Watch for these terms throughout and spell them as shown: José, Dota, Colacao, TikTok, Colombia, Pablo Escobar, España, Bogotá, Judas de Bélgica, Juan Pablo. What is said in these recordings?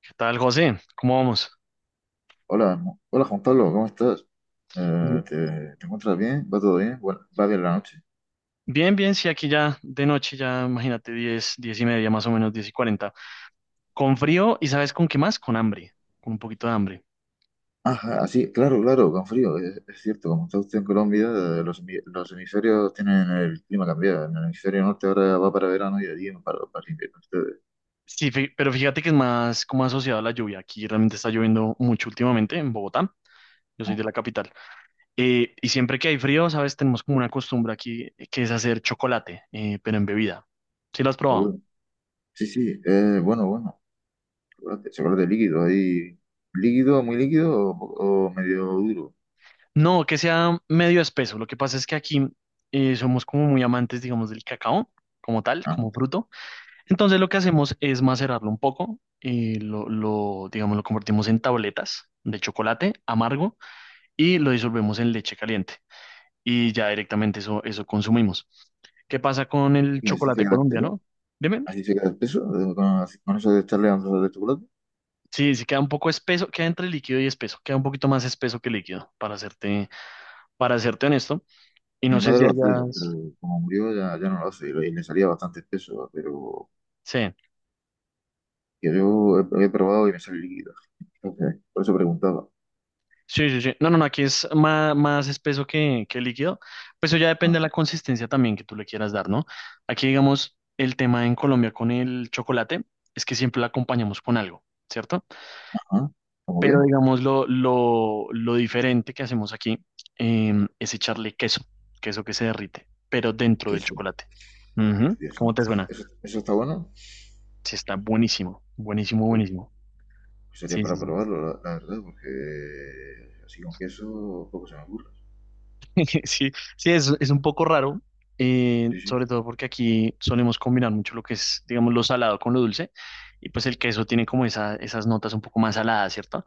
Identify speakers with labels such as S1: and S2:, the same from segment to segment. S1: ¿Qué tal, José? ¿Cómo vamos?
S2: Hola, hola Juan Pablo, ¿cómo estás?
S1: Bien,
S2: ¿Te encuentras bien? ¿Va todo bien? Bueno, va bien la noche.
S1: bien, bien, sí, aquí ya de noche, ya imagínate, 10, 10:30, más o menos, 10:40. Con frío y, ¿sabes con qué más? Con hambre, con un poquito de hambre.
S2: Ajá, así, claro, claro, con frío, es cierto. Como está usted en Colombia, los hemisferios tienen el clima cambiado. En el hemisferio norte ahora va para verano y allí para invierno. Ustedes.
S1: Sí, pero fíjate que es más como asociado a la lluvia. Aquí realmente está lloviendo mucho últimamente en Bogotá. Yo
S2: Oh,
S1: soy de la capital. Y siempre que hay frío, ¿sabes? Tenemos como una costumbre aquí, que es hacer chocolate, pero en bebida. ¿Sí lo has
S2: oh,
S1: probado?
S2: bueno. Sí, sí, bueno, bueno. Chocolate, chocolate líquido, ahí. ¿Líquido, muy líquido o medio duro?
S1: No, que sea medio espeso. Lo que pasa es que aquí somos como muy amantes, digamos, del cacao como tal,
S2: Ah,
S1: como fruto. Entonces lo que hacemos es macerarlo un poco, digamos, lo convertimos en tabletas de chocolate amargo y lo disolvemos en leche caliente y ya directamente eso consumimos. ¿Qué pasa con el
S2: ¿y así se
S1: chocolate
S2: queda espeso?
S1: colombiano? Dime.
S2: ¿Así se queda espeso? ¿Con eso de echarle onzas de chocolate?
S1: Sí, sí queda un poco espeso, queda entre líquido y espeso, queda un poquito más espeso que líquido, para serte honesto. Y no
S2: Mi
S1: sé si
S2: madre lo hacía, pero
S1: hayas...
S2: como murió ya, ya no lo hace y le salía bastante espeso, pero
S1: Sí.
S2: que yo he probado y me sale líquido. Entonces, por eso preguntaba.
S1: Sí, sí, sí. No, no, no, aquí es más, más espeso que líquido. Pues eso ya depende
S2: Ah,
S1: de la consistencia también que tú le quieras dar, ¿no? Aquí, digamos, el tema en Colombia con el chocolate es que siempre lo acompañamos con algo, ¿cierto?
S2: ah, ¿cómo
S1: Pero,
S2: qué?
S1: digamos, lo diferente que hacemos aquí es echarle queso, queso que se derrite, pero dentro del
S2: Queso.
S1: chocolate.
S2: Dios,
S1: Ujú.
S2: Dios
S1: ¿Cómo te
S2: santo.
S1: suena?
S2: ¿Eso, eso está bueno?
S1: Sí, está buenísimo, buenísimo,
S2: Uy,
S1: buenísimo.
S2: pues sería
S1: Sí, sí,
S2: para
S1: sí.
S2: probarlo, la verdad, porque así con queso poco se me ocurre.
S1: Sí, sí, es un poco raro,
S2: Sí, sí,
S1: sobre todo porque aquí solemos combinar mucho lo que es, digamos, lo salado con lo dulce, y pues el queso tiene como esas notas un poco más saladas, ¿cierto?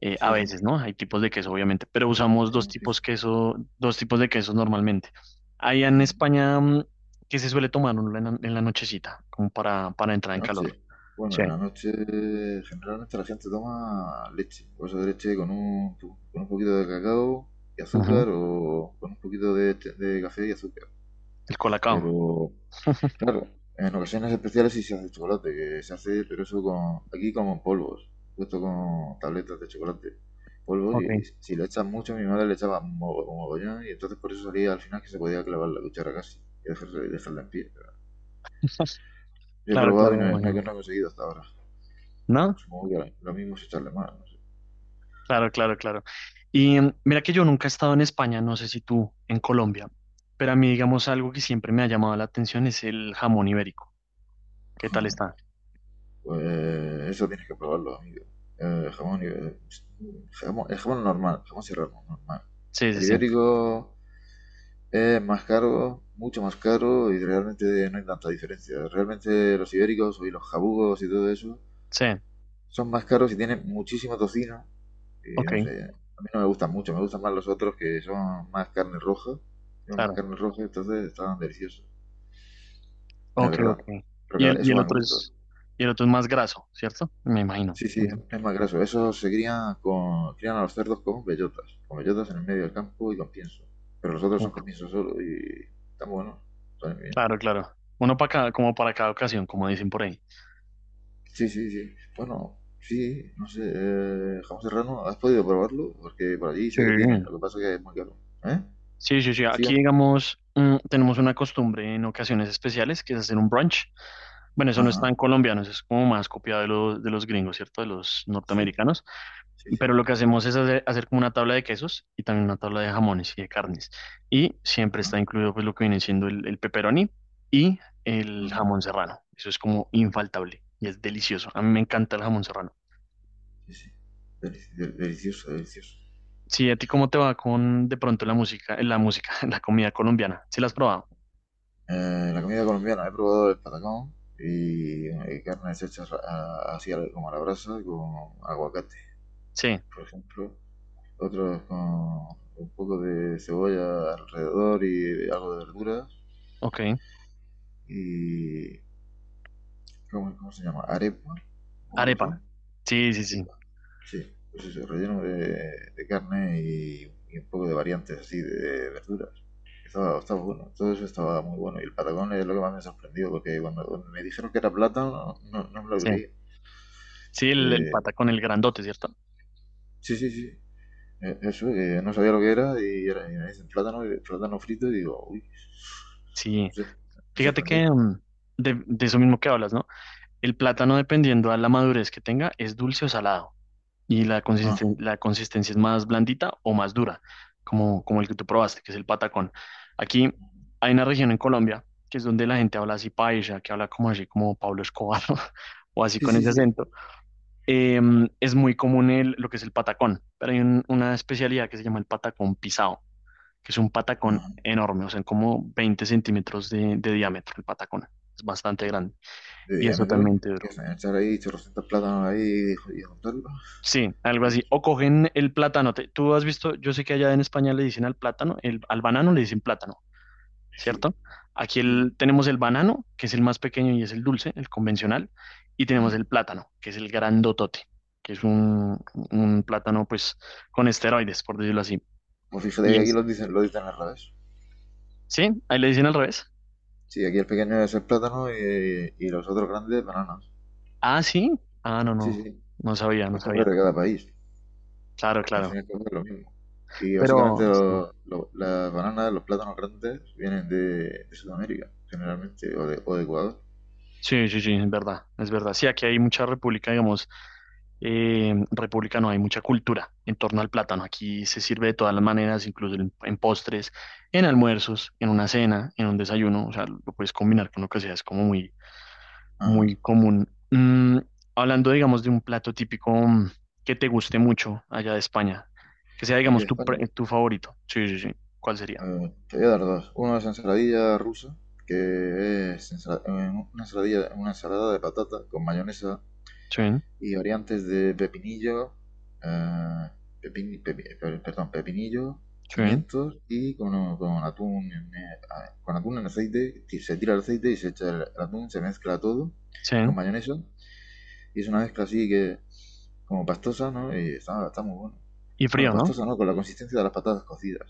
S1: A
S2: sí, sí,
S1: veces, ¿no? Hay tipos de queso, obviamente, pero usamos
S2: hay buenos quesos.
S1: dos tipos de quesos normalmente. Allá en España, ¿qué se suele tomar uno en la nochecita? Como para entrar
S2: La
S1: en calor.
S2: noche. Bueno,
S1: Sí.
S2: en la noche generalmente la gente toma leche, bolsa de leche con un, con un poquito de cacao y
S1: Ujú.
S2: azúcar o con un poquito de, de café y azúcar.
S1: El colacao.
S2: Pero claro, en ocasiones especiales sí se hace chocolate, que se hace, pero eso con, aquí como en polvos, puesto con tabletas de chocolate, polvos
S1: Ok,
S2: y si le echas mucho, mi madre le echaba un un mogollón y entonces por eso salía al final que se podía clavar la cuchara casi y dejarla, dejarla en pie. Pero yo he
S1: claro,
S2: probado
S1: claro,
S2: y no,
S1: me
S2: no
S1: imagino.
S2: he conseguido hasta ahora.
S1: ¿No?
S2: Supongo que lo mismo es echarle más. No sé.
S1: Claro, claro, claro. Y mira que yo nunca he estado en España, no sé si tú en Colombia, pero a mí, digamos, algo que siempre me ha llamado la atención es el jamón ibérico. ¿Qué tal está?
S2: Pues eso tienes que probarlo, amigo. Jamón, el jamón normal, jamón serrano, normal.
S1: Sí, sí,
S2: El
S1: sí.
S2: ibérico es más caro, mucho más caro y realmente no hay tanta diferencia. Realmente los ibéricos y los jabugos y todo eso
S1: Sí,
S2: son más caros y tienen muchísimo tocino. Y
S1: ok,
S2: no sé, a mí no me gustan mucho, me gustan más los otros que son más carne roja. Tienen más
S1: claro.
S2: carne roja, entonces estaban deliciosos, la
S1: Ok,
S2: verdad.
S1: ok.
S2: Pero
S1: Y
S2: eso
S1: el
S2: va en
S1: otro
S2: gusto.
S1: es, y el otro es más graso, ¿cierto? Me imagino.
S2: Sí, sí,
S1: Sí.
S2: es más graso. Esos se crían, con, crían a los cerdos con bellotas en el medio del campo y con pienso. Pero los otros son
S1: Uf,
S2: con pienso solo y están buenos, están bien.
S1: claro, claro. Uno para cada, como para cada ocasión, como dicen por ahí.
S2: Sí, sí, sí. Bueno, sí, no sé, jamón serrano, ¿has podido probarlo? Porque por allí
S1: Sí.
S2: sé que tienen, lo que pasa es que es muy caro. ¿Eh?
S1: Sí, sí, sí. Aquí,
S2: ¿Sigan?
S1: digamos, tenemos una costumbre en ocasiones especiales que es hacer un brunch. Bueno, eso no es
S2: Ajá,
S1: tan colombiano, eso es como más copiado de los gringos, ¿cierto? De los
S2: sí,
S1: norteamericanos.
S2: sí, sí,
S1: Pero lo que hacemos es hacer como una tabla de quesos y también una tabla de jamones y de carnes. Y siempre
S2: ajá,
S1: está incluido pues lo que viene siendo el pepperoni y el
S2: ajá,
S1: jamón serrano. Eso es como infaltable y es delicioso. A mí me encanta el jamón serrano.
S2: sí, sí. Delicioso, delicioso.
S1: Sí, ¿a ti cómo te va con de pronto la música, la comida colombiana? ¿Sí la has probado?
S2: La comida colombiana, he probado el patacón y carnes hechas así como a la brasa, con aguacate,
S1: Sí,
S2: por ejemplo. Otros con un poco de cebolla alrededor y algo de verduras.
S1: ok.
S2: Y, cómo se llama? Arepa o algo así.
S1: Arepa. Sí, sí, sí.
S2: Arepa. Sí, pues eso, relleno de carne y un poco de variantes así de verduras. Estaba, estaba bueno, todo eso estaba muy bueno. Y el patagón es lo que más me sorprendió, porque cuando me dijeron que era plátano, no, no me lo
S1: Sí,
S2: creí.
S1: sí el
S2: Porque-
S1: pata con el grandote, ¿cierto?
S2: sí, sí, sí. Eso, que no sabía lo que era y, era, y me dicen plátano, plátano frito y digo, uy,
S1: Sí.
S2: no sé, me
S1: Fíjate
S2: sorprendió.
S1: que mm, de eso mismo que hablas, ¿no? El plátano, dependiendo a la madurez que tenga, es dulce o salado. Y la
S2: Ah,
S1: la consistencia es más blandita o más dura, como, como el que tú probaste, que es el patacón. Aquí hay una región en Colombia que es donde la gente habla así paisa, que habla como así, como Pablo Escobar, o así
S2: sí,
S1: con
S2: sí,
S1: ese
S2: sí.
S1: acento. Eh, es muy común el, lo que es el patacón, pero hay una especialidad que se llama el patacón pisado, que es un patacón
S2: Ajá.
S1: enorme, o sea, como 20 centímetros de diámetro el patacón. Es bastante grande
S2: De
S1: y es
S2: diámetro,
S1: totalmente
S2: y
S1: duro.
S2: hasta echar ahí chorrocientos plátanos ahí y, y juntarlo.
S1: Sí, algo
S2: Y yo,
S1: así. O cogen el plátano. Tú has visto, yo sé que allá en España le dicen al plátano, el, al banano le dicen plátano,
S2: sí,
S1: ¿cierto? Aquí
S2: sí, sí.
S1: el- tenemos el banano, que es el más pequeño y es el dulce, el convencional, y tenemos
S2: Ajá.
S1: el plátano, que es el grandotote, que es un plátano pues con esteroides, por decirlo así.
S2: Pues fíjate
S1: Y
S2: que aquí
S1: es,
S2: lo dicen al revés.
S1: ¿sí? Ahí le dicen al revés.
S2: Sí, aquí el pequeño es el plátano y los otros grandes bananas.
S1: Ah, sí. Ah, no,
S2: Sí,
S1: no.
S2: sí.
S1: No sabía, no
S2: Costumbres
S1: sabía.
S2: de cada país,
S1: Claro,
S2: porque al fin
S1: claro.
S2: y al cabo es lo mismo. Y básicamente
S1: Pero sí,
S2: las bananas, los plátanos grandes vienen de Sudamérica, generalmente, o de Ecuador.
S1: sí, sí, sí, es verdad, es verdad. Sí, aquí hay mucha república, digamos, república no, hay mucha cultura en torno al plátano. Aquí se sirve de todas las maneras, incluso en postres, en almuerzos, en una cena, en un desayuno. O sea, lo puedes combinar con lo que sea, es como muy,
S2: Ajá.
S1: muy común. Hablando, digamos, de un plato típico, que te guste mucho allá de España, que sea,
S2: Y aquí
S1: digamos,
S2: de
S1: tu,
S2: España.
S1: tu favorito. Sí, sí, sí. ¿Cuál sería?
S2: Te voy a dar dos. Uno es ensaladilla rusa, que es una ensaladilla, una ensalada de patata con mayonesa,
S1: Sí,
S2: y variantes de pepinillo, eh, pepin- pepi- perdón, pepinillo,
S1: sí,
S2: pimientos y con atún, con atún en aceite, se tira el aceite y se echa el, atún, se mezcla todo
S1: sí.
S2: con mayonesa y es una mezcla así que como pastosa, ¿no? Y está, está muy bueno.
S1: Y
S2: Bueno,
S1: frío, ¿no?
S2: pastosa, ¿no? Con la consistencia de las patatas cocidas.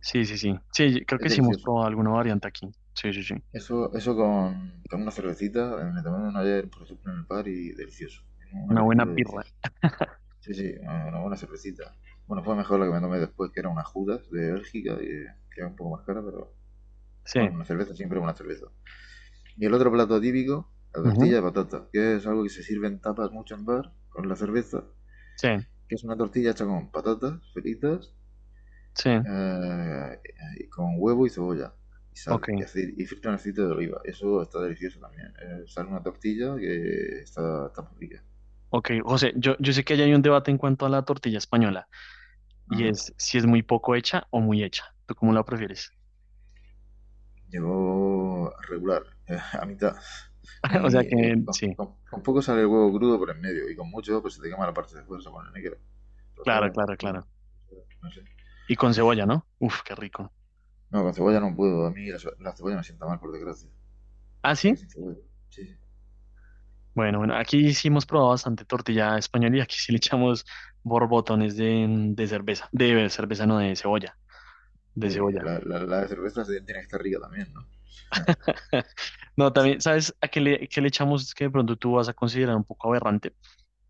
S1: Sí, sí, sí. Sí, creo
S2: Es
S1: que sí hemos
S2: delicioso.
S1: probado alguna variante aquí. Sí, sí, sí.
S2: Eso con una cervecita, me tomaron ayer, por ejemplo, en el bar y delicioso. Un
S1: Una buena
S2: aperitivo
S1: birra.
S2: delicioso. Sí, sí, una buena cervecita. Bueno, fue mejor la que me tomé después, que era una Judas de Bélgica, que era un poco más cara, pero
S1: Sí.
S2: bueno, una cerveza siempre es una cerveza. Y el otro plato típico, la tortilla
S1: Ujú.
S2: de patata, que es algo que se sirve en tapas mucho en bar con la cerveza,
S1: Sí,
S2: que es una tortilla hecha con patatas fritas,
S1: sí.
S2: eh, y con huevo y cebolla, y sal,
S1: Ok,
S2: y, aceite, y frita en aceite de oliva. Eso está delicioso también. Sale una tortilla que está, está muy rica.
S1: ok. José, yo sé que allá hay un debate en cuanto a la tortilla española, y
S2: Ajá.
S1: es si es muy poco hecha o muy hecha. ¿Tú cómo la prefieres?
S2: Llegó regular, a mitad.
S1: O
S2: Ni,
S1: sea que sí,
S2: con poco sale el huevo crudo por en medio y con mucho pues se te quema la parte de fuera, se pone negro.
S1: claro,
S2: Entonces,
S1: claro, claro.
S2: no sé.
S1: Y con cebolla, ¿no? Uf, qué rico.
S2: No, con cebolla no puedo. A mí la, la cebolla me sienta mal, por desgracia.
S1: ¿Ah,
S2: O sea que
S1: sí?
S2: sin cebolla. Sí, sí.
S1: Bueno, bueno, aquí sí hemos probado bastante tortilla española y aquí sí le echamos borbotones de cerveza. De cerveza, no, de cebolla. De
S2: Uy,
S1: cebolla.
S2: la cerveza tiene que estar rica también, ¿no?
S1: No,
S2: Sí,
S1: también, ¿sabes a qué le echamos? Es que de pronto tú vas a considerar un poco aberrante.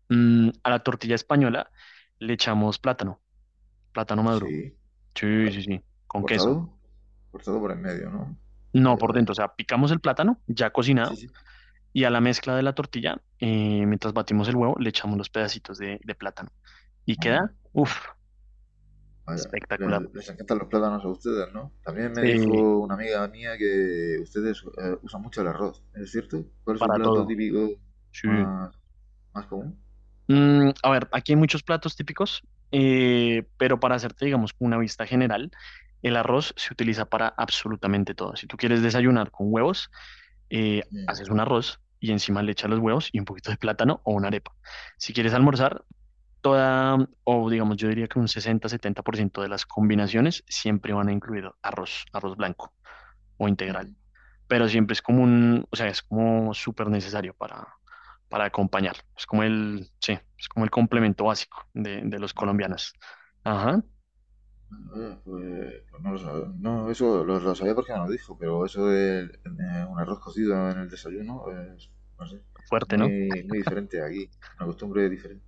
S1: A la tortilla española le echamos plátano, plátano maduro.
S2: sí.
S1: Sí,
S2: Pla-
S1: sí, sí, con queso.
S2: cortado, cortado por en medio, ¿no?
S1: No,
S2: Vaya,
S1: por dentro,
S2: vaya.
S1: o sea, picamos el plátano ya
S2: Sí,
S1: cocinado
S2: sí.
S1: y a la mezcla de la tortilla, mientras batimos el huevo, le echamos los pedacitos de plátano. Y
S2: Ajá.
S1: queda, uff,
S2: Vaya,
S1: espectacular.
S2: les encantan los plátanos a ustedes, ¿no? También me
S1: Sí,
S2: dijo una amiga mía que ustedes usan mucho el arroz, ¿es cierto? ¿Cuál es su
S1: para
S2: plato
S1: todo.
S2: típico
S1: Sí.
S2: más, más común?
S1: A ver, aquí hay muchos platos típicos, pero para hacerte, digamos, como una vista general, el arroz se utiliza para absolutamente todo. Si tú quieres desayunar con huevos,
S2: Mm,
S1: haces un arroz y encima le echas los huevos y un poquito de plátano o una arepa. Si quieres almorzar, toda, o digamos, yo diría que un 60-70% de las combinaciones siempre van a incluir arroz, arroz blanco o integral.
S2: mm.
S1: Pero siempre es como un, o sea, es como súper necesario para acompañar. Es como el, sí, es como el complemento básico de los
S2: Ah,
S1: colombianos. Ajá,
S2: pues, pues no lo sabía. No, eso lo sabía porque me lo dijo, pero eso de un arroz cocido en el desayuno es, no sé,
S1: fuerte, ¿no?
S2: muy diferente aquí, una costumbre diferente.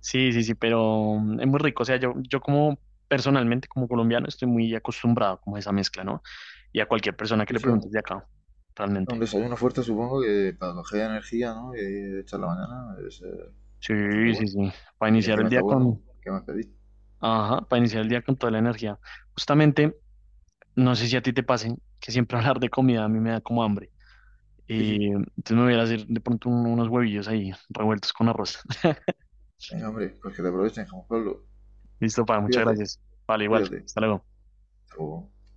S1: Sí, sí, sí, pero es muy rico. O sea, yo como personalmente, como colombiano, estoy muy acostumbrado como a esa mezcla, ¿no? Y a cualquier persona que
S2: Sí,
S1: le
S2: sí,
S1: preguntes de acá,
S2: un
S1: realmente.
S2: desayuno fuerte supongo que para coger energía, ¿no? Y echar la mañana es
S1: Sí,
S2: bastante
S1: sí,
S2: bueno.
S1: sí. Para
S2: Y si
S1: iniciar el
S2: encima está
S1: día
S2: bueno,
S1: con,
S2: ¿qué más pedís?
S1: ajá, para iniciar el día con toda la energía. Justamente, no sé si a ti te pase que siempre hablar de comida a mí me da como hambre.
S2: Sí, sí.
S1: Entonces me voy a ir a hacer de pronto unos huevillos ahí revueltos con arroz.
S2: Venga, hombre, pues que te aprovechen, Juan Pablo.
S1: Listo, pa, muchas
S2: Cuídate,
S1: gracias. Vale, igual.
S2: cuídate.
S1: Hasta luego.
S2: Hasta luego.